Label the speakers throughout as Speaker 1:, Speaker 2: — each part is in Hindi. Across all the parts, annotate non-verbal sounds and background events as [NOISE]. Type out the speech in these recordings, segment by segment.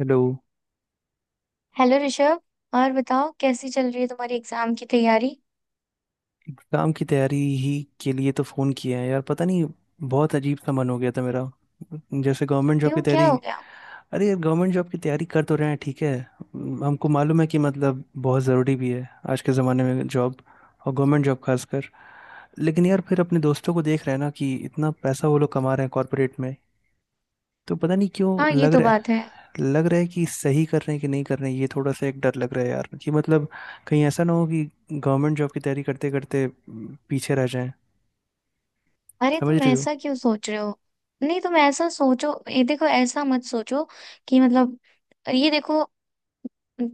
Speaker 1: हेलो।
Speaker 2: हेलो ऋषभ। और बताओ कैसी चल रही है तुम्हारी एग्जाम की तैयारी?
Speaker 1: एग्जाम की तैयारी ही के लिए तो फ़ोन किया है यार। पता नहीं, बहुत अजीब सा मन हो गया था मेरा, जैसे गवर्नमेंट जॉब की
Speaker 2: क्यों, क्या
Speaker 1: तैयारी।
Speaker 2: हो गया?
Speaker 1: अरे यार, गवर्नमेंट जॉब की तैयारी कर तो रहे हैं, ठीक है। हमको मालूम है कि मतलब बहुत ज़रूरी भी है आज के ज़माने में जॉब, और गवर्नमेंट जॉब खासकर। लेकिन यार, फिर अपने दोस्तों को देख रहे हैं ना कि इतना पैसा वो लोग कमा रहे हैं कॉरपोरेट में, तो पता नहीं
Speaker 2: हाँ,
Speaker 1: क्यों
Speaker 2: ये
Speaker 1: लग
Speaker 2: तो
Speaker 1: रहा
Speaker 2: बात
Speaker 1: है।
Speaker 2: है।
Speaker 1: लग रहा है कि सही कर रहे हैं कि नहीं कर रहे हैं, ये थोड़ा सा एक डर लग रहा है यार, कि मतलब कहीं ऐसा ना हो कि गवर्नमेंट जॉब की तैयारी करते करते पीछे रह जाएं।
Speaker 2: अरे
Speaker 1: समझ
Speaker 2: तुम
Speaker 1: रही हो।
Speaker 2: ऐसा क्यों सोच रहे हो? नहीं, तुम ऐसा सोचो, ये देखो, ऐसा मत सोचो कि मतलब, ये देखो,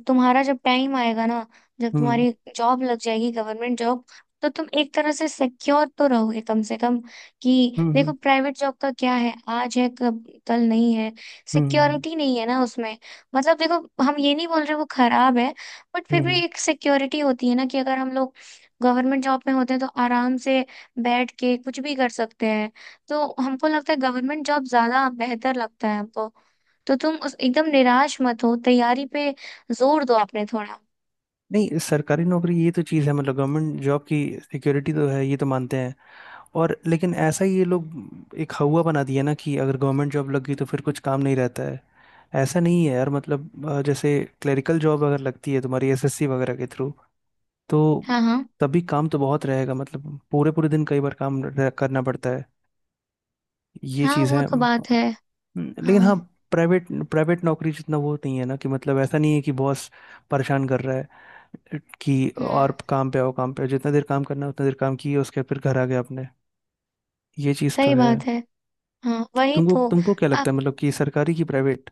Speaker 2: तुम्हारा जब टाइम आएगा ना, जब
Speaker 1: हम्म,
Speaker 2: तुम्हारी जॉब लग जाएगी, गवर्नमेंट जॉब, तो तुम एक तरह से सिक्योर तो रहोगे कम से कम। कि
Speaker 1: हम्म, हम्म,
Speaker 2: देखो, प्राइवेट जॉब का क्या है, आज है कब कल नहीं है।
Speaker 1: हम्म,
Speaker 2: सिक्योरिटी नहीं है ना उसमें। मतलब देखो, हम ये नहीं बोल रहे वो खराब है, बट
Speaker 1: हम्म,
Speaker 2: फिर भी
Speaker 1: हम्म।
Speaker 2: एक सिक्योरिटी होती है ना, कि अगर हम लोग गवर्नमेंट जॉब में होते हैं तो आराम से बैठ के कुछ भी कर सकते हैं। तो हमको लगता है गवर्नमेंट जॉब ज्यादा बेहतर लगता है हमको। तो तुम उस एकदम निराश मत हो, तैयारी पे जोर दो आपने थोड़ा।
Speaker 1: नहीं, सरकारी नौकरी, ये तो चीज़ है, मतलब गवर्नमेंट जॉब की सिक्योरिटी तो है, ये तो मानते हैं। और लेकिन ऐसा ही ये लोग एक हवा बना दिया ना कि अगर गवर्नमेंट जॉब लग गई तो फिर कुछ काम नहीं रहता है। ऐसा नहीं है यार, मतलब जैसे क्लरिकल जॉब अगर लगती है तुम्हारी एसएससी वगैरह के थ्रू, तो
Speaker 2: हाँ हाँ।
Speaker 1: तभी काम तो बहुत रहेगा, मतलब पूरे पूरे दिन कई बार करना पड़ता है, ये
Speaker 2: हाँ,
Speaker 1: चीज़
Speaker 2: वो
Speaker 1: है।
Speaker 2: तो बात है।
Speaker 1: हम्म। लेकिन
Speaker 2: हाँ।
Speaker 1: हाँ, प्राइवेट प्राइवेट नौकरी जितना वो नहीं है ना, कि मतलब ऐसा नहीं है कि बॉस परेशान कर रहा है कि
Speaker 2: हम्म।
Speaker 1: और काम पे आओ, काम पे आओ। जितना देर काम करना है उतना देर काम किए, उसके बाद फिर घर आ गए अपने। ये चीज़ तो
Speaker 2: सही
Speaker 1: है।
Speaker 2: बात है। हाँ, वही
Speaker 1: तुमको
Speaker 2: तो।
Speaker 1: तुमको क्या लगता है, मतलब कि सरकारी की प्राइवेट?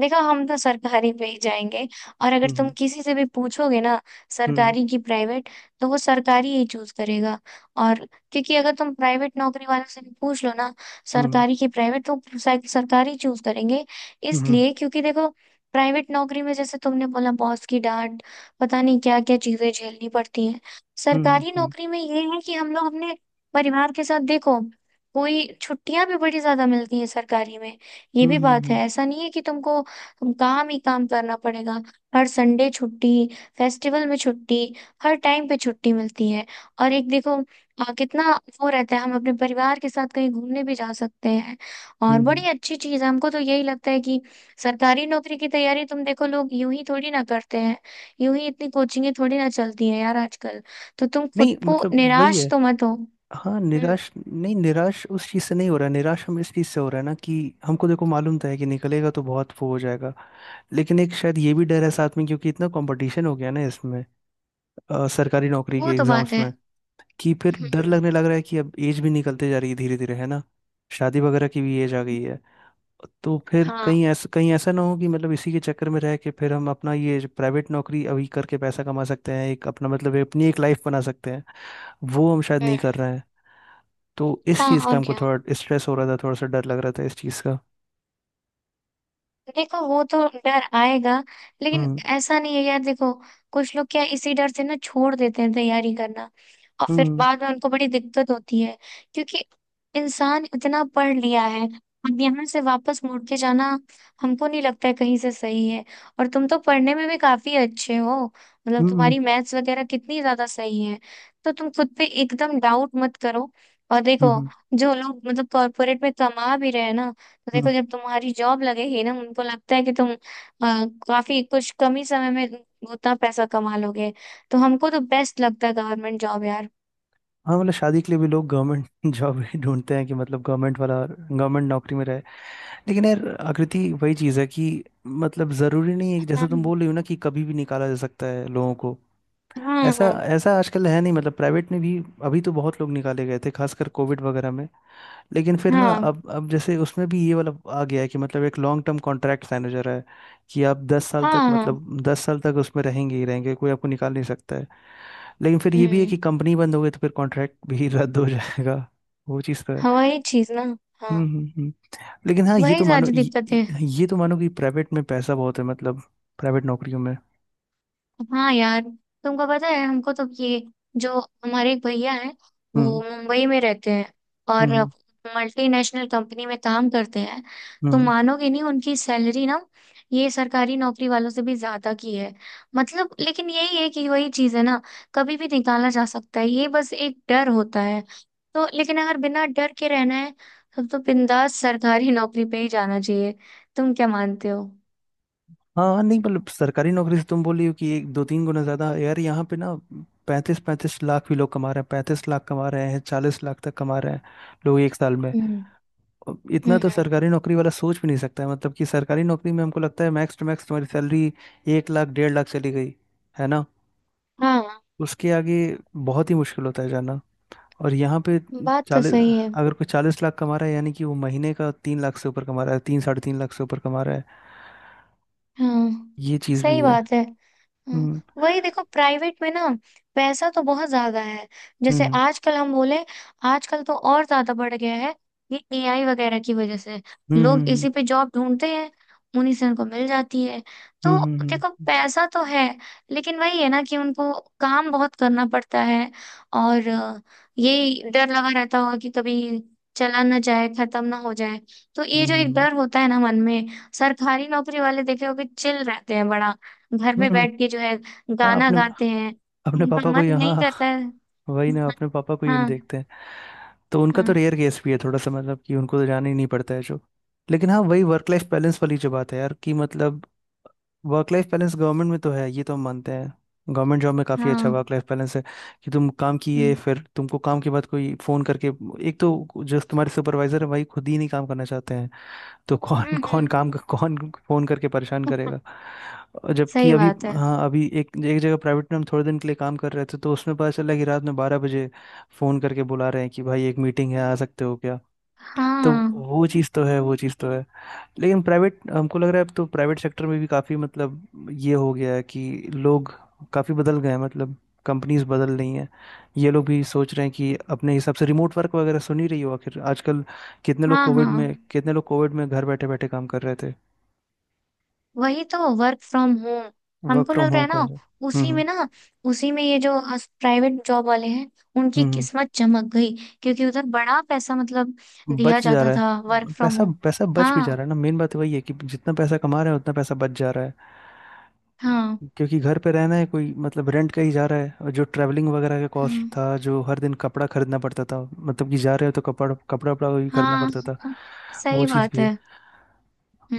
Speaker 2: देखो, हम तो सरकारी पे ही जाएंगे। और अगर तुम
Speaker 1: हम्म,
Speaker 2: किसी से भी पूछोगे ना,
Speaker 1: हम्म,
Speaker 2: सरकारी की प्राइवेट, तो वो सरकारी ही चूज करेगा। और क्योंकि अगर तुम प्राइवेट नौकरी वालों से भी पूछ लो ना,
Speaker 1: हम्म,
Speaker 2: सरकारी की प्राइवेट, तो सरकारी चूज करेंगे।
Speaker 1: हम्म,
Speaker 2: इसलिए क्योंकि देखो, प्राइवेट नौकरी में जैसे तुमने बोला बॉस की डांट, पता नहीं क्या क्या चीजें झेलनी पड़ती हैं।
Speaker 1: हम्म, हम्म,
Speaker 2: सरकारी
Speaker 1: हम्म,
Speaker 2: नौकरी में ये है कि हम लोग अपने परिवार के साथ, देखो, कोई छुट्टियां भी बड़ी ज्यादा मिलती हैं सरकारी में। ये
Speaker 1: हम्म,
Speaker 2: भी
Speaker 1: हम्म,
Speaker 2: बात है, ऐसा नहीं है कि तुमको तुम काम ही काम करना पड़ेगा। हर संडे छुट्टी, फेस्टिवल में छुट्टी, हर टाइम पे छुट्टी मिलती है। और एक देखो, कितना वो रहता है, हम अपने परिवार के साथ कहीं घूमने भी जा सकते हैं। और
Speaker 1: हम्म, हम्म।
Speaker 2: बड़ी अच्छी चीज है, हमको तो यही लगता है कि सरकारी नौकरी की तैयारी, तुम देखो, लोग यूं ही थोड़ी ना करते हैं, यूं ही इतनी कोचिंगें थोड़ी ना चलती हैं यार आजकल। तो तुम
Speaker 1: नहीं
Speaker 2: खुद को
Speaker 1: मतलब वही
Speaker 2: निराश
Speaker 1: है।
Speaker 2: तो मत हो।
Speaker 1: हाँ,
Speaker 2: हम्म,
Speaker 1: निराश नहीं, निराश उस चीज़ से नहीं हो रहा है, निराश हम इस चीज़ से हो रहा है ना, कि हमको देखो, मालूम तो है कि निकलेगा तो बहुत वो हो जाएगा। लेकिन एक शायद ये भी डर है साथ में, क्योंकि इतना कंपटीशन हो गया ना इसमें, सरकारी नौकरी
Speaker 2: वो
Speaker 1: के
Speaker 2: तो बात
Speaker 1: एग्जाम्स
Speaker 2: है।
Speaker 1: में, कि फिर डर
Speaker 2: हम्म।
Speaker 1: लगने लग रहा है कि अब एज भी निकलते जा रही है धीरे धीरे, है ना। शादी वगैरह की भी एज आ गई है। तो फिर
Speaker 2: हाँ।
Speaker 1: कहीं ऐसा, कहीं ऐसा ना हो कि मतलब इसी के चक्कर में रह के फिर हम अपना, ये प्राइवेट नौकरी अभी करके पैसा कमा सकते हैं, एक अपना मतलब अपनी एक लाइफ बना सकते हैं, वो हम शायद नहीं
Speaker 2: हम्म।
Speaker 1: कर रहे हैं। तो इस
Speaker 2: हाँ
Speaker 1: चीज़ का
Speaker 2: और
Speaker 1: हमको
Speaker 2: क्या।
Speaker 1: थोड़ा स्ट्रेस हो रहा था, थोड़ा सा डर लग रहा था इस चीज़ का।
Speaker 2: देखो, वो तो डर आएगा, लेकिन
Speaker 1: हम्म,
Speaker 2: ऐसा नहीं है यार। देखो, कुछ लोग क्या इसी डर से ना छोड़ देते हैं तैयारी करना, और फिर
Speaker 1: हम्म,
Speaker 2: बाद में उनको बड़ी दिक्कत होती है। क्योंकि इंसान इतना पढ़ लिया है, अब यहाँ से वापस मुड़ के जाना हमको नहीं लगता है कहीं से सही है। और तुम तो पढ़ने में भी काफी अच्छे हो, मतलब
Speaker 1: हम्म,
Speaker 2: तुम्हारी मैथ्स वगैरह कितनी ज्यादा सही है। तो तुम खुद पे एकदम डाउट मत करो। और देखो,
Speaker 1: हम्म,
Speaker 2: जो लोग मतलब कॉर्पोरेट में कमा भी रहे हैं ना, तो देखो,
Speaker 1: हम्म।
Speaker 2: जब तुम्हारी जॉब लगेगी ना, उनको लगता है कि तुम काफी कुछ कम ही समय में उतना पैसा कमा लोगे। तो हमको तो बेस्ट लगता है गवर्नमेंट जॉब यार।
Speaker 1: हाँ, मतलब शादी के लिए भी लोग गवर्नमेंट जॉब [LAUGHS] ही ढूंढते हैं, कि मतलब गवर्नमेंट वाला, गवर्नमेंट नौकरी में रहे। लेकिन यार आकृति, वही चीज़ है कि मतलब ज़रूरी नहीं है, जैसे तुम
Speaker 2: हाँ
Speaker 1: बोल रही हो ना कि कभी भी निकाला जा सकता है लोगों को।
Speaker 2: हाँ
Speaker 1: ऐसा
Speaker 2: हाँ।
Speaker 1: ऐसा आजकल है नहीं, मतलब प्राइवेट में भी। अभी तो बहुत लोग निकाले गए थे, खासकर कोविड वगैरह में। लेकिन फिर ना,
Speaker 2: हाँ
Speaker 1: अब जैसे उसमें भी ये वाला आ गया है कि मतलब एक लॉन्ग टर्म कॉन्ट्रैक्ट मैनेजर है, कि आप 10 साल तक,
Speaker 2: हाँ हाँ।
Speaker 1: मतलब 10 साल तक उसमें रहेंगे ही रहेंगे, कोई आपको निकाल नहीं सकता है। लेकिन फिर ये भी है
Speaker 2: हम्म।
Speaker 1: कि कंपनी बंद हो गई तो फिर कॉन्ट्रैक्ट भी [LAUGHS] रद्द हो जाएगा। वो चीज़ तो है।
Speaker 2: हाँ, वही चीज ना। हाँ,
Speaker 1: हम्म, हम्म, लेकिन हाँ,
Speaker 2: वही सारी दिक्कतें।
Speaker 1: ये तो मानो कि प्राइवेट में पैसा बहुत है, मतलब प्राइवेट नौकरियों में।
Speaker 2: हाँ यार, तुमको पता है हमको तो ये जो हमारे एक भैया हैं वो
Speaker 1: हम्म,
Speaker 2: मुंबई में रहते हैं और
Speaker 1: हम्म,
Speaker 2: मल्टीनेशनल कंपनी में काम करते हैं। तो
Speaker 1: हम्म।
Speaker 2: मानोगे नहीं, उनकी सैलरी ना ये सरकारी नौकरी वालों से भी ज्यादा की है। मतलब लेकिन यही है कि वही चीज है ना, कभी भी निकाला जा सकता है, ये बस एक डर होता है। तो लेकिन अगर बिना डर के रहना है, तब तो बिंदास सरकारी नौकरी पे ही जाना चाहिए। तुम क्या मानते हो?
Speaker 1: हाँ नहीं, मतलब सरकारी नौकरी से तुम बोली हो कि एक दो तीन गुना ज्यादा यार, यहाँ पे ना 35-35 लाख भी लोग कमा रहे हैं, 35 लाख कमा रहे हैं, 40 लाख तक कमा रहे हैं लोग एक साल में।
Speaker 2: हम्म
Speaker 1: अब इतना तो
Speaker 2: हम्म।
Speaker 1: सरकारी नौकरी वाला सोच भी नहीं सकता है, मतलब कि सरकारी नौकरी में हमको लगता है मैक्स टू मैक्स तुम्हारी सैलरी 1 लाख, डेढ़ लाख चली गई, है ना।
Speaker 2: हाँ,
Speaker 1: उसके आगे बहुत ही मुश्किल होता है जाना। और यहाँ पे
Speaker 2: बात तो
Speaker 1: चालीस,
Speaker 2: सही है।
Speaker 1: अगर कोई 40 लाख कमा रहा है, यानी कि वो महीने का 3 लाख से ऊपर कमा रहा है, तीन साढ़े तीन लाख से ऊपर कमा रहा है।
Speaker 2: हाँ,
Speaker 1: ये चीज़ भी
Speaker 2: सही
Speaker 1: है।
Speaker 2: बात है। हम्म,
Speaker 1: हम्म,
Speaker 2: वही देखो प्राइवेट में ना पैसा तो बहुत ज्यादा है। जैसे
Speaker 1: हम्म,
Speaker 2: आजकल हम बोले, आजकल तो और ज्यादा बढ़ गया है, ये एआई वगैरह की वजह से लोग
Speaker 1: हम्म,
Speaker 2: इसी पे जॉब ढूंढते हैं, उन्हीं से उनको मिल जाती है।
Speaker 1: हम्म,
Speaker 2: तो देखो,
Speaker 1: हम्म,
Speaker 2: पैसा तो है, लेकिन वही है ना कि उनको काम बहुत करना पड़ता है। और ये डर लगा रहता होगा कि कभी चला ना जाए, खत्म ना हो जाए। तो
Speaker 1: हम्म,
Speaker 2: ये
Speaker 1: हम्म,
Speaker 2: जो एक डर होता है ना मन में। सरकारी नौकरी वाले देखे हो कि चिल रहते हैं बड़ा, घर
Speaker 1: हम्म,
Speaker 2: में
Speaker 1: हम्म, हम्म।
Speaker 2: बैठ के जो है
Speaker 1: हाँ,
Speaker 2: गाना
Speaker 1: अपने
Speaker 2: गाते हैं।
Speaker 1: अपने
Speaker 2: उनका
Speaker 1: पापा को ही,
Speaker 2: मन नहीं करता
Speaker 1: हाँ।
Speaker 2: है।
Speaker 1: वही ना, अपने पापा को ही हम
Speaker 2: हाँ
Speaker 1: देखते हैं। तो उनका तो
Speaker 2: हाँ
Speaker 1: रेयर केस भी है थोड़ा सा, मतलब कि उनको तो जाना ही नहीं पड़ता है जो। लेकिन हाँ, वही वर्क लाइफ बैलेंस वाली जो बात है यार, कि मतलब वर्क लाइफ बैलेंस गवर्नमेंट में तो है, ये तो हम मानते हैं। गवर्नमेंट जॉब में काफ़ी अच्छा
Speaker 2: हाँ।
Speaker 1: वर्क लाइफ बैलेंस है, कि तुम काम किए,
Speaker 2: हम्म,
Speaker 1: फिर तुमको काम के बाद कोई फ़ोन करके, एक तो जो तुम्हारे सुपरवाइजर है भाई, खुद ही नहीं काम करना चाहते हैं, तो कौन, कौन
Speaker 2: हम्म।
Speaker 1: काम, कौन फोन करके परेशान करेगा। और
Speaker 2: [LAUGHS]
Speaker 1: जबकि
Speaker 2: सही
Speaker 1: अभी,
Speaker 2: बात है।
Speaker 1: हाँ अभी एक एक जगह प्राइवेट में हम थोड़े दिन के लिए काम कर रहे थे, तो उसमें पता चला कि रात में 12 बजे फोन करके बुला रहे हैं कि भाई एक मीटिंग है, आ सकते हो क्या। तो
Speaker 2: हाँ
Speaker 1: वो चीज़ तो है, वो चीज़ तो है। लेकिन प्राइवेट, हमको लग रहा है अब तो प्राइवेट सेक्टर में भी काफी मतलब ये हो गया है कि लोग काफी बदल गए हैं, मतलब कंपनीज बदल रही हैं। ये लोग भी सोच रहे हैं कि अपने हिसाब से रिमोट वर्क वगैरह, सुन ही रही हो आखिर आजकल, कितने लोग
Speaker 2: हाँ।
Speaker 1: कोविड
Speaker 2: हाँ,
Speaker 1: में, कितने लोग कोविड में घर बैठे बैठे काम कर रहे थे,
Speaker 2: वही तो, वर्क फ्रॉम होम।
Speaker 1: वर्क
Speaker 2: हमको
Speaker 1: फ्रॉम
Speaker 2: लग रहा
Speaker 1: होम
Speaker 2: है
Speaker 1: कर
Speaker 2: ना,
Speaker 1: रहे। हम्म,
Speaker 2: उसी
Speaker 1: हम्म,
Speaker 2: में ना, उसी में ये जो प्राइवेट जॉब वाले हैं, उनकी
Speaker 1: हम्म।
Speaker 2: किस्मत चमक गई। क्योंकि उधर बड़ा पैसा, मतलब दिया
Speaker 1: बच जा
Speaker 2: जाता
Speaker 1: रहा
Speaker 2: था वर्क
Speaker 1: है
Speaker 2: फ्रॉम
Speaker 1: पैसा,
Speaker 2: होम।
Speaker 1: पैसा बच भी जा
Speaker 2: हाँ
Speaker 1: रहा है ना, मेन बात वही है कि जितना पैसा कमा रहे हैं उतना पैसा बच जा रहा है।
Speaker 2: हाँ
Speaker 1: क्योंकि घर पे रहना है, कोई मतलब रेंट का ही जा रहा है, और जो ट्रैवलिंग वगैरह का
Speaker 2: हाँ।
Speaker 1: कॉस्ट था, जो हर दिन कपड़ा खरीदना पड़ता था, मतलब कि जा रहे हो तो कपड़ा कपड़ा वपड़ा भी खरीदना
Speaker 2: हाँ,
Speaker 1: पड़ता था।
Speaker 2: हाँ,
Speaker 1: वो
Speaker 2: सही
Speaker 1: चीज़
Speaker 2: बात
Speaker 1: भी है।
Speaker 2: है।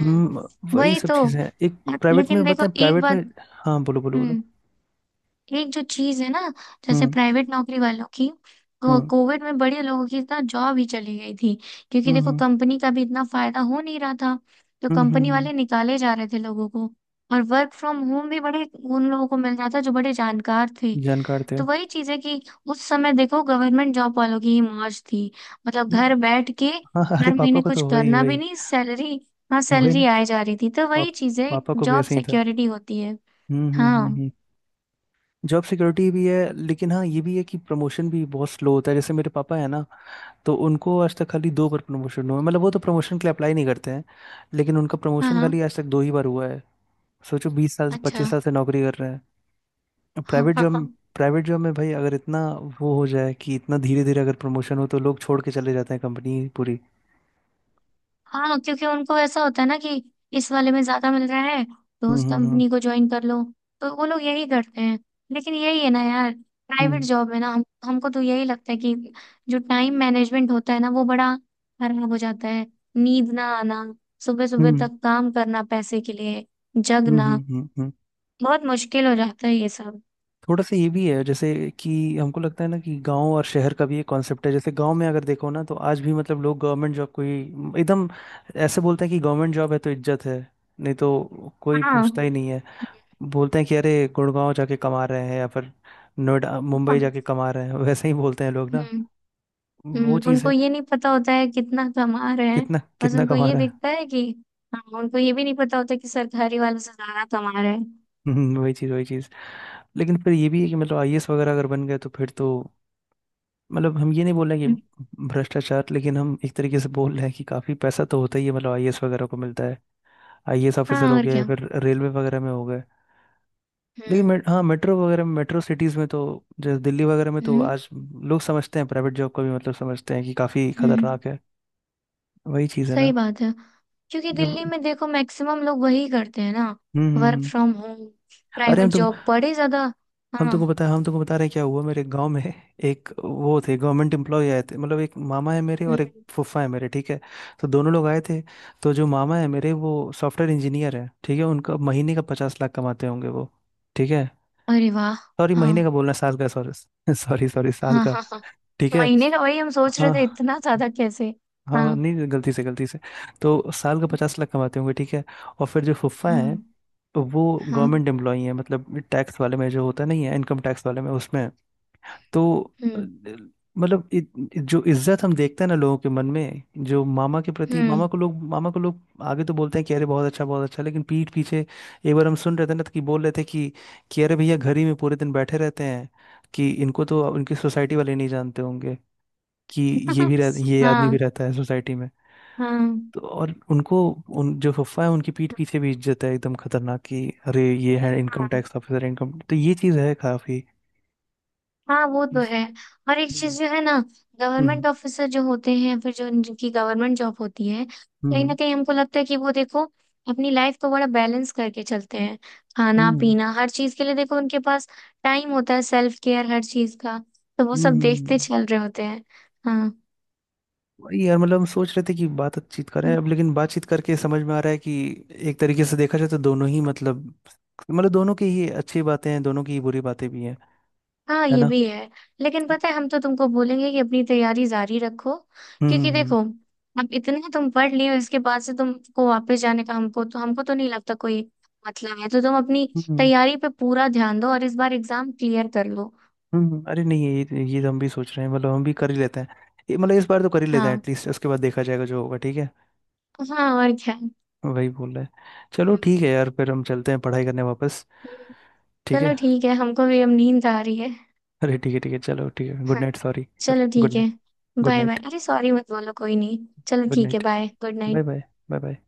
Speaker 1: हम्म। वही
Speaker 2: वही
Speaker 1: सब
Speaker 2: तो।
Speaker 1: चीज़ें हैं एक, प्राइवेट
Speaker 2: लेकिन
Speaker 1: में
Speaker 2: देखो
Speaker 1: बताएं,
Speaker 2: एक
Speaker 1: प्राइवेट में।
Speaker 2: बात।
Speaker 1: हाँ, बोलो बोलो बोलो।
Speaker 2: हम्म। एक जो चीज है ना, जैसे
Speaker 1: हम्म,
Speaker 2: प्राइवेट नौकरी वालों की,
Speaker 1: हम्म,
Speaker 2: कोविड में बड़े लोगों की इतना जॉब ही चली गई थी। क्योंकि
Speaker 1: हम्म,
Speaker 2: देखो,
Speaker 1: हम्म,
Speaker 2: कंपनी का भी इतना फायदा हो नहीं रहा था, तो
Speaker 1: हम्म, हम्म,
Speaker 2: कंपनी
Speaker 1: हम्म,
Speaker 2: वाले निकाले जा रहे थे लोगों को। और वर्क फ्रॉम होम भी बड़े उन लोगों को मिल रहा था जो बड़े जानकार थे।
Speaker 1: जानकार थे।
Speaker 2: तो वही चीज है कि उस समय देखो गवर्नमेंट जॉब वालों की ही मौज थी, मतलब
Speaker 1: हम्म,
Speaker 2: घर बैठ के
Speaker 1: हाँ हाँ, अरे
Speaker 2: हर
Speaker 1: पापा
Speaker 2: महीने
Speaker 1: को
Speaker 2: कुछ
Speaker 1: तो वही
Speaker 2: करना भी
Speaker 1: वही।
Speaker 2: नहीं, सैलरी। हाँ,
Speaker 1: वही
Speaker 2: सैलरी
Speaker 1: ना,
Speaker 2: आए जा रही थी, तो वही
Speaker 1: पाप,
Speaker 2: चीज है।
Speaker 1: पापा को भी
Speaker 2: जॉब
Speaker 1: ऐसे ही था।
Speaker 2: सिक्योरिटी होती है।
Speaker 1: हम्म, हम्म, हम्म,
Speaker 2: हाँ
Speaker 1: जॉब सिक्योरिटी भी है, लेकिन हाँ ये भी है कि प्रमोशन भी बहुत स्लो होता है। जैसे मेरे पापा है ना, तो उनको आज तक खाली 2 बार प्रमोशन हुआ है। मतलब वो तो प्रमोशन के लिए अप्लाई नहीं करते हैं, लेकिन उनका
Speaker 2: हाँ
Speaker 1: प्रमोशन
Speaker 2: हाँ।
Speaker 1: खाली आज तक 2 ही बार हुआ है। सोचो 20 साल से,
Speaker 2: अच्छा।
Speaker 1: 25 साल से नौकरी कर रहे हैं। प्राइवेट जॉब
Speaker 2: [LAUGHS]
Speaker 1: प्राइवेट जॉब में भाई अगर इतना वो हो जाए, कि इतना धीरे धीरे अगर प्रमोशन हो तो लोग छोड़ के चले जाते हैं कंपनी पूरी।
Speaker 2: हाँ, क्योंकि उनको ऐसा होता है ना कि इस वाले में ज्यादा मिल रहा है तो
Speaker 1: हम्म,
Speaker 2: उस
Speaker 1: हम्म,
Speaker 2: कंपनी को ज्वाइन कर लो। तो वो लोग यही करते हैं। लेकिन यही है ना यार, प्राइवेट
Speaker 1: हम्म,
Speaker 2: जॉब है ना, हम हमको तो यही लगता है कि जो टाइम मैनेजमेंट होता है ना वो बड़ा खराब हो जाता है। नींद ना आना, सुबह
Speaker 1: हम्म,
Speaker 2: सुबह
Speaker 1: हम्म,
Speaker 2: तक काम करना पैसे के लिए,
Speaker 1: हम्म,
Speaker 2: जगना,
Speaker 1: हम्म, हम्म।
Speaker 2: बहुत मुश्किल हो जाता है ये सब।
Speaker 1: थोड़ा सा ये भी है, जैसे कि हमको लगता है ना कि गांव और शहर का भी एक कॉन्सेप्ट है। जैसे गांव में अगर देखो ना, तो आज भी मतलब लोग गवर्नमेंट जॉब को ही एकदम ऐसे बोलते हैं कि गवर्नमेंट जॉब है तो इज्जत है, नहीं तो कोई
Speaker 2: हाँ।
Speaker 1: पूछता ही नहीं है। बोलते हैं कि अरे, गुड़गांव जाके कमा रहे हैं या फिर नोएडा मुंबई जाके कमा रहे हैं, वैसे ही बोलते हैं लोग ना।
Speaker 2: हम्म,
Speaker 1: वो चीज़
Speaker 2: उनको
Speaker 1: है।
Speaker 2: ये नहीं पता होता है कितना कमा रहे हैं,
Speaker 1: कितना
Speaker 2: बस
Speaker 1: कितना
Speaker 2: उनको
Speaker 1: कमा
Speaker 2: ये
Speaker 1: रहा है।
Speaker 2: दिखता है कि हाँ। उनको ये भी नहीं पता होता कि सरकारी वालों से ज्यादा कमा रहे हैं।
Speaker 1: [LAUGHS] वही चीज़, वही चीज़। लेकिन फिर ये भी है कि मतलब आईएएस वगैरह अगर बन गए, तो फिर तो, मतलब हम ये नहीं बोल रहे कि भ्रष्टाचार, लेकिन हम एक तरीके से बोल रहे हैं कि काफी पैसा तो होता ही है, मतलब आईएएस वगैरह को मिलता है। आईएएस ऑफिसर
Speaker 2: हाँ
Speaker 1: हो
Speaker 2: और
Speaker 1: गए,
Speaker 2: क्या।
Speaker 1: फिर रेलवे वगैरह में हो गए। लेकिन
Speaker 2: हम्म
Speaker 1: हाँ मेट्रो वगैरह में, मेट्रो सिटीज में तो, जैसे दिल्ली वगैरह में तो
Speaker 2: हम्म
Speaker 1: आज लोग समझते हैं प्राइवेट जॉब को भी, मतलब समझते हैं कि काफी
Speaker 2: हम्म।
Speaker 1: खतरनाक है। वही चीज है ना,
Speaker 2: सही बात है, क्योंकि
Speaker 1: जब।
Speaker 2: दिल्ली में देखो मैक्सिमम लोग वही करते हैं ना,
Speaker 1: हम्म, हम्म,
Speaker 2: वर्क फ्रॉम होम,
Speaker 1: अरे हम
Speaker 2: प्राइवेट
Speaker 1: तो,
Speaker 2: जॉब बड़े ज्यादा। हाँ।
Speaker 1: हम तुमको बता रहे हैं क्या हुआ मेरे गांव में। एक वो थे गवर्नमेंट एम्प्लॉय आए थे, मतलब एक मामा है मेरे और एक
Speaker 2: हम्म,
Speaker 1: फूफा है मेरे, ठीक है। तो दोनों लोग आए थे। तो जो मामा है मेरे, वो सॉफ्टवेयर इंजीनियर है, ठीक है, उनका महीने का 50 लाख कमाते होंगे वो, ठीक है।
Speaker 2: अरे वाह।
Speaker 1: सॉरी
Speaker 2: हाँ
Speaker 1: महीने का बोलना, साल का, सॉरी [LAUGHS] सॉरी सॉरी, साल
Speaker 2: हाँ
Speaker 1: का,
Speaker 2: हाँ हाँ।
Speaker 1: ठीक है।
Speaker 2: महीने का? वही हम सोच रहे
Speaker 1: हाँ
Speaker 2: थे इतना ज्यादा कैसे।
Speaker 1: हाँ
Speaker 2: हाँ
Speaker 1: हाँ, नहीं गलती से, गलती से। तो साल का 50 लाख कमाते होंगे, ठीक है। और फिर जो फुफ्फा
Speaker 2: हाँ
Speaker 1: है, वो
Speaker 2: हाँ।
Speaker 1: गवर्नमेंट एम्प्लॉई है, मतलब टैक्स वाले में, जो होता नहीं है, इनकम टैक्स वाले में, उसमें तो अ,
Speaker 2: हम्म
Speaker 1: मतलब जो इज्जत हम देखते हैं ना लोगों के मन में, जो मामा के प्रति,
Speaker 2: हम्म।
Speaker 1: मामा को लोग, मामा को लोग आगे तो बोलते हैं कि अरे बहुत अच्छा बहुत अच्छा, लेकिन पीठ पीछे एक बार हम सुन रहे थे ना, तो कि बोल रहे थे कि अरे भैया घर ही में पूरे दिन बैठे रहते हैं, कि इनको तो उनकी सोसाइटी वाले नहीं जानते होंगे कि
Speaker 2: [LAUGHS]
Speaker 1: ये आदमी भी
Speaker 2: हाँ
Speaker 1: रहता है सोसाइटी में।
Speaker 2: हाँ
Speaker 1: तो और उनको, उन जो फुफा है, उनकी पीठ पीछे भी इज्जत है एकदम खतरनाक, कि अरे ये है इनकम
Speaker 2: हाँ।
Speaker 1: टैक्स ऑफिसर, इनकम, तो ये चीज है काफी।
Speaker 2: हाँ, वो तो है। और एक
Speaker 1: हम्म,
Speaker 2: चीज जो है ना,
Speaker 1: हम्म,
Speaker 2: गवर्नमेंट ऑफिसर जो होते हैं, फिर जो जिनकी गवर्नमेंट जॉब होती है, कहीं ना
Speaker 1: हम्म,
Speaker 2: कहीं हमको लगता है कि वो देखो अपनी लाइफ को बड़ा बैलेंस करके चलते हैं। खाना
Speaker 1: हम्म,
Speaker 2: पीना हर चीज के लिए देखो उनके पास टाइम होता है, सेल्फ केयर हर चीज का, तो वो
Speaker 1: हम्म,
Speaker 2: सब देखते चल रहे होते हैं। हाँ।
Speaker 1: वही यार, मतलब हम सोच रहे थे कि बातचीत करें अब, लेकिन बातचीत करके समझ में आ रहा है कि एक तरीके से देखा जाए तो दोनों ही, मतलब दोनों की ही अच्छी बातें हैं, दोनों की ही बुरी बातें भी हैं,
Speaker 2: हाँ,
Speaker 1: है
Speaker 2: ये
Speaker 1: ना।
Speaker 2: भी है। लेकिन पता है, हम तो तुमको बोलेंगे कि अपनी तैयारी जारी रखो।
Speaker 1: हम्म,
Speaker 2: क्योंकि
Speaker 1: हम्म,
Speaker 2: देखो, अब इतना तुम पढ़ लिए हो, इसके बाद से तुमको वापस जाने का हमको तो, हमको तो नहीं लगता कोई मतलब है। तो तुम अपनी
Speaker 1: हम्म,
Speaker 2: तैयारी पे पूरा ध्यान दो और इस बार एग्जाम क्लियर कर लो।
Speaker 1: अरे नहीं, ये तो हम भी सोच रहे हैं, मतलब हम भी कर ही लेते हैं, ये मतलब इस बार तो कर ही लेते हैं
Speaker 2: हाँ।
Speaker 1: एटलीस्ट, उसके बाद देखा जाएगा जो होगा, ठीक है।
Speaker 2: हाँ और क्या।
Speaker 1: वही बोल रहे हैं। चलो ठीक है यार, फिर हम चलते हैं पढ़ाई करने वापस,
Speaker 2: हम्म।
Speaker 1: ठीक
Speaker 2: चलो
Speaker 1: है।
Speaker 2: ठीक है, हमको भी अब नींद आ रही है।
Speaker 1: अरे ठीक है, ठीक है, चलो ठीक है, गुड
Speaker 2: हाँ,
Speaker 1: नाइट, सॉरी सॉरी,
Speaker 2: चलो
Speaker 1: गुड
Speaker 2: ठीक है,
Speaker 1: night. Good
Speaker 2: bye bye.
Speaker 1: Night.
Speaker 2: अरे सॉरी मत बोलो, कोई नहीं। चलो
Speaker 1: गुड
Speaker 2: ठीक है,
Speaker 1: night
Speaker 2: bye, good
Speaker 1: bye
Speaker 2: night.
Speaker 1: Bye. Bye bye.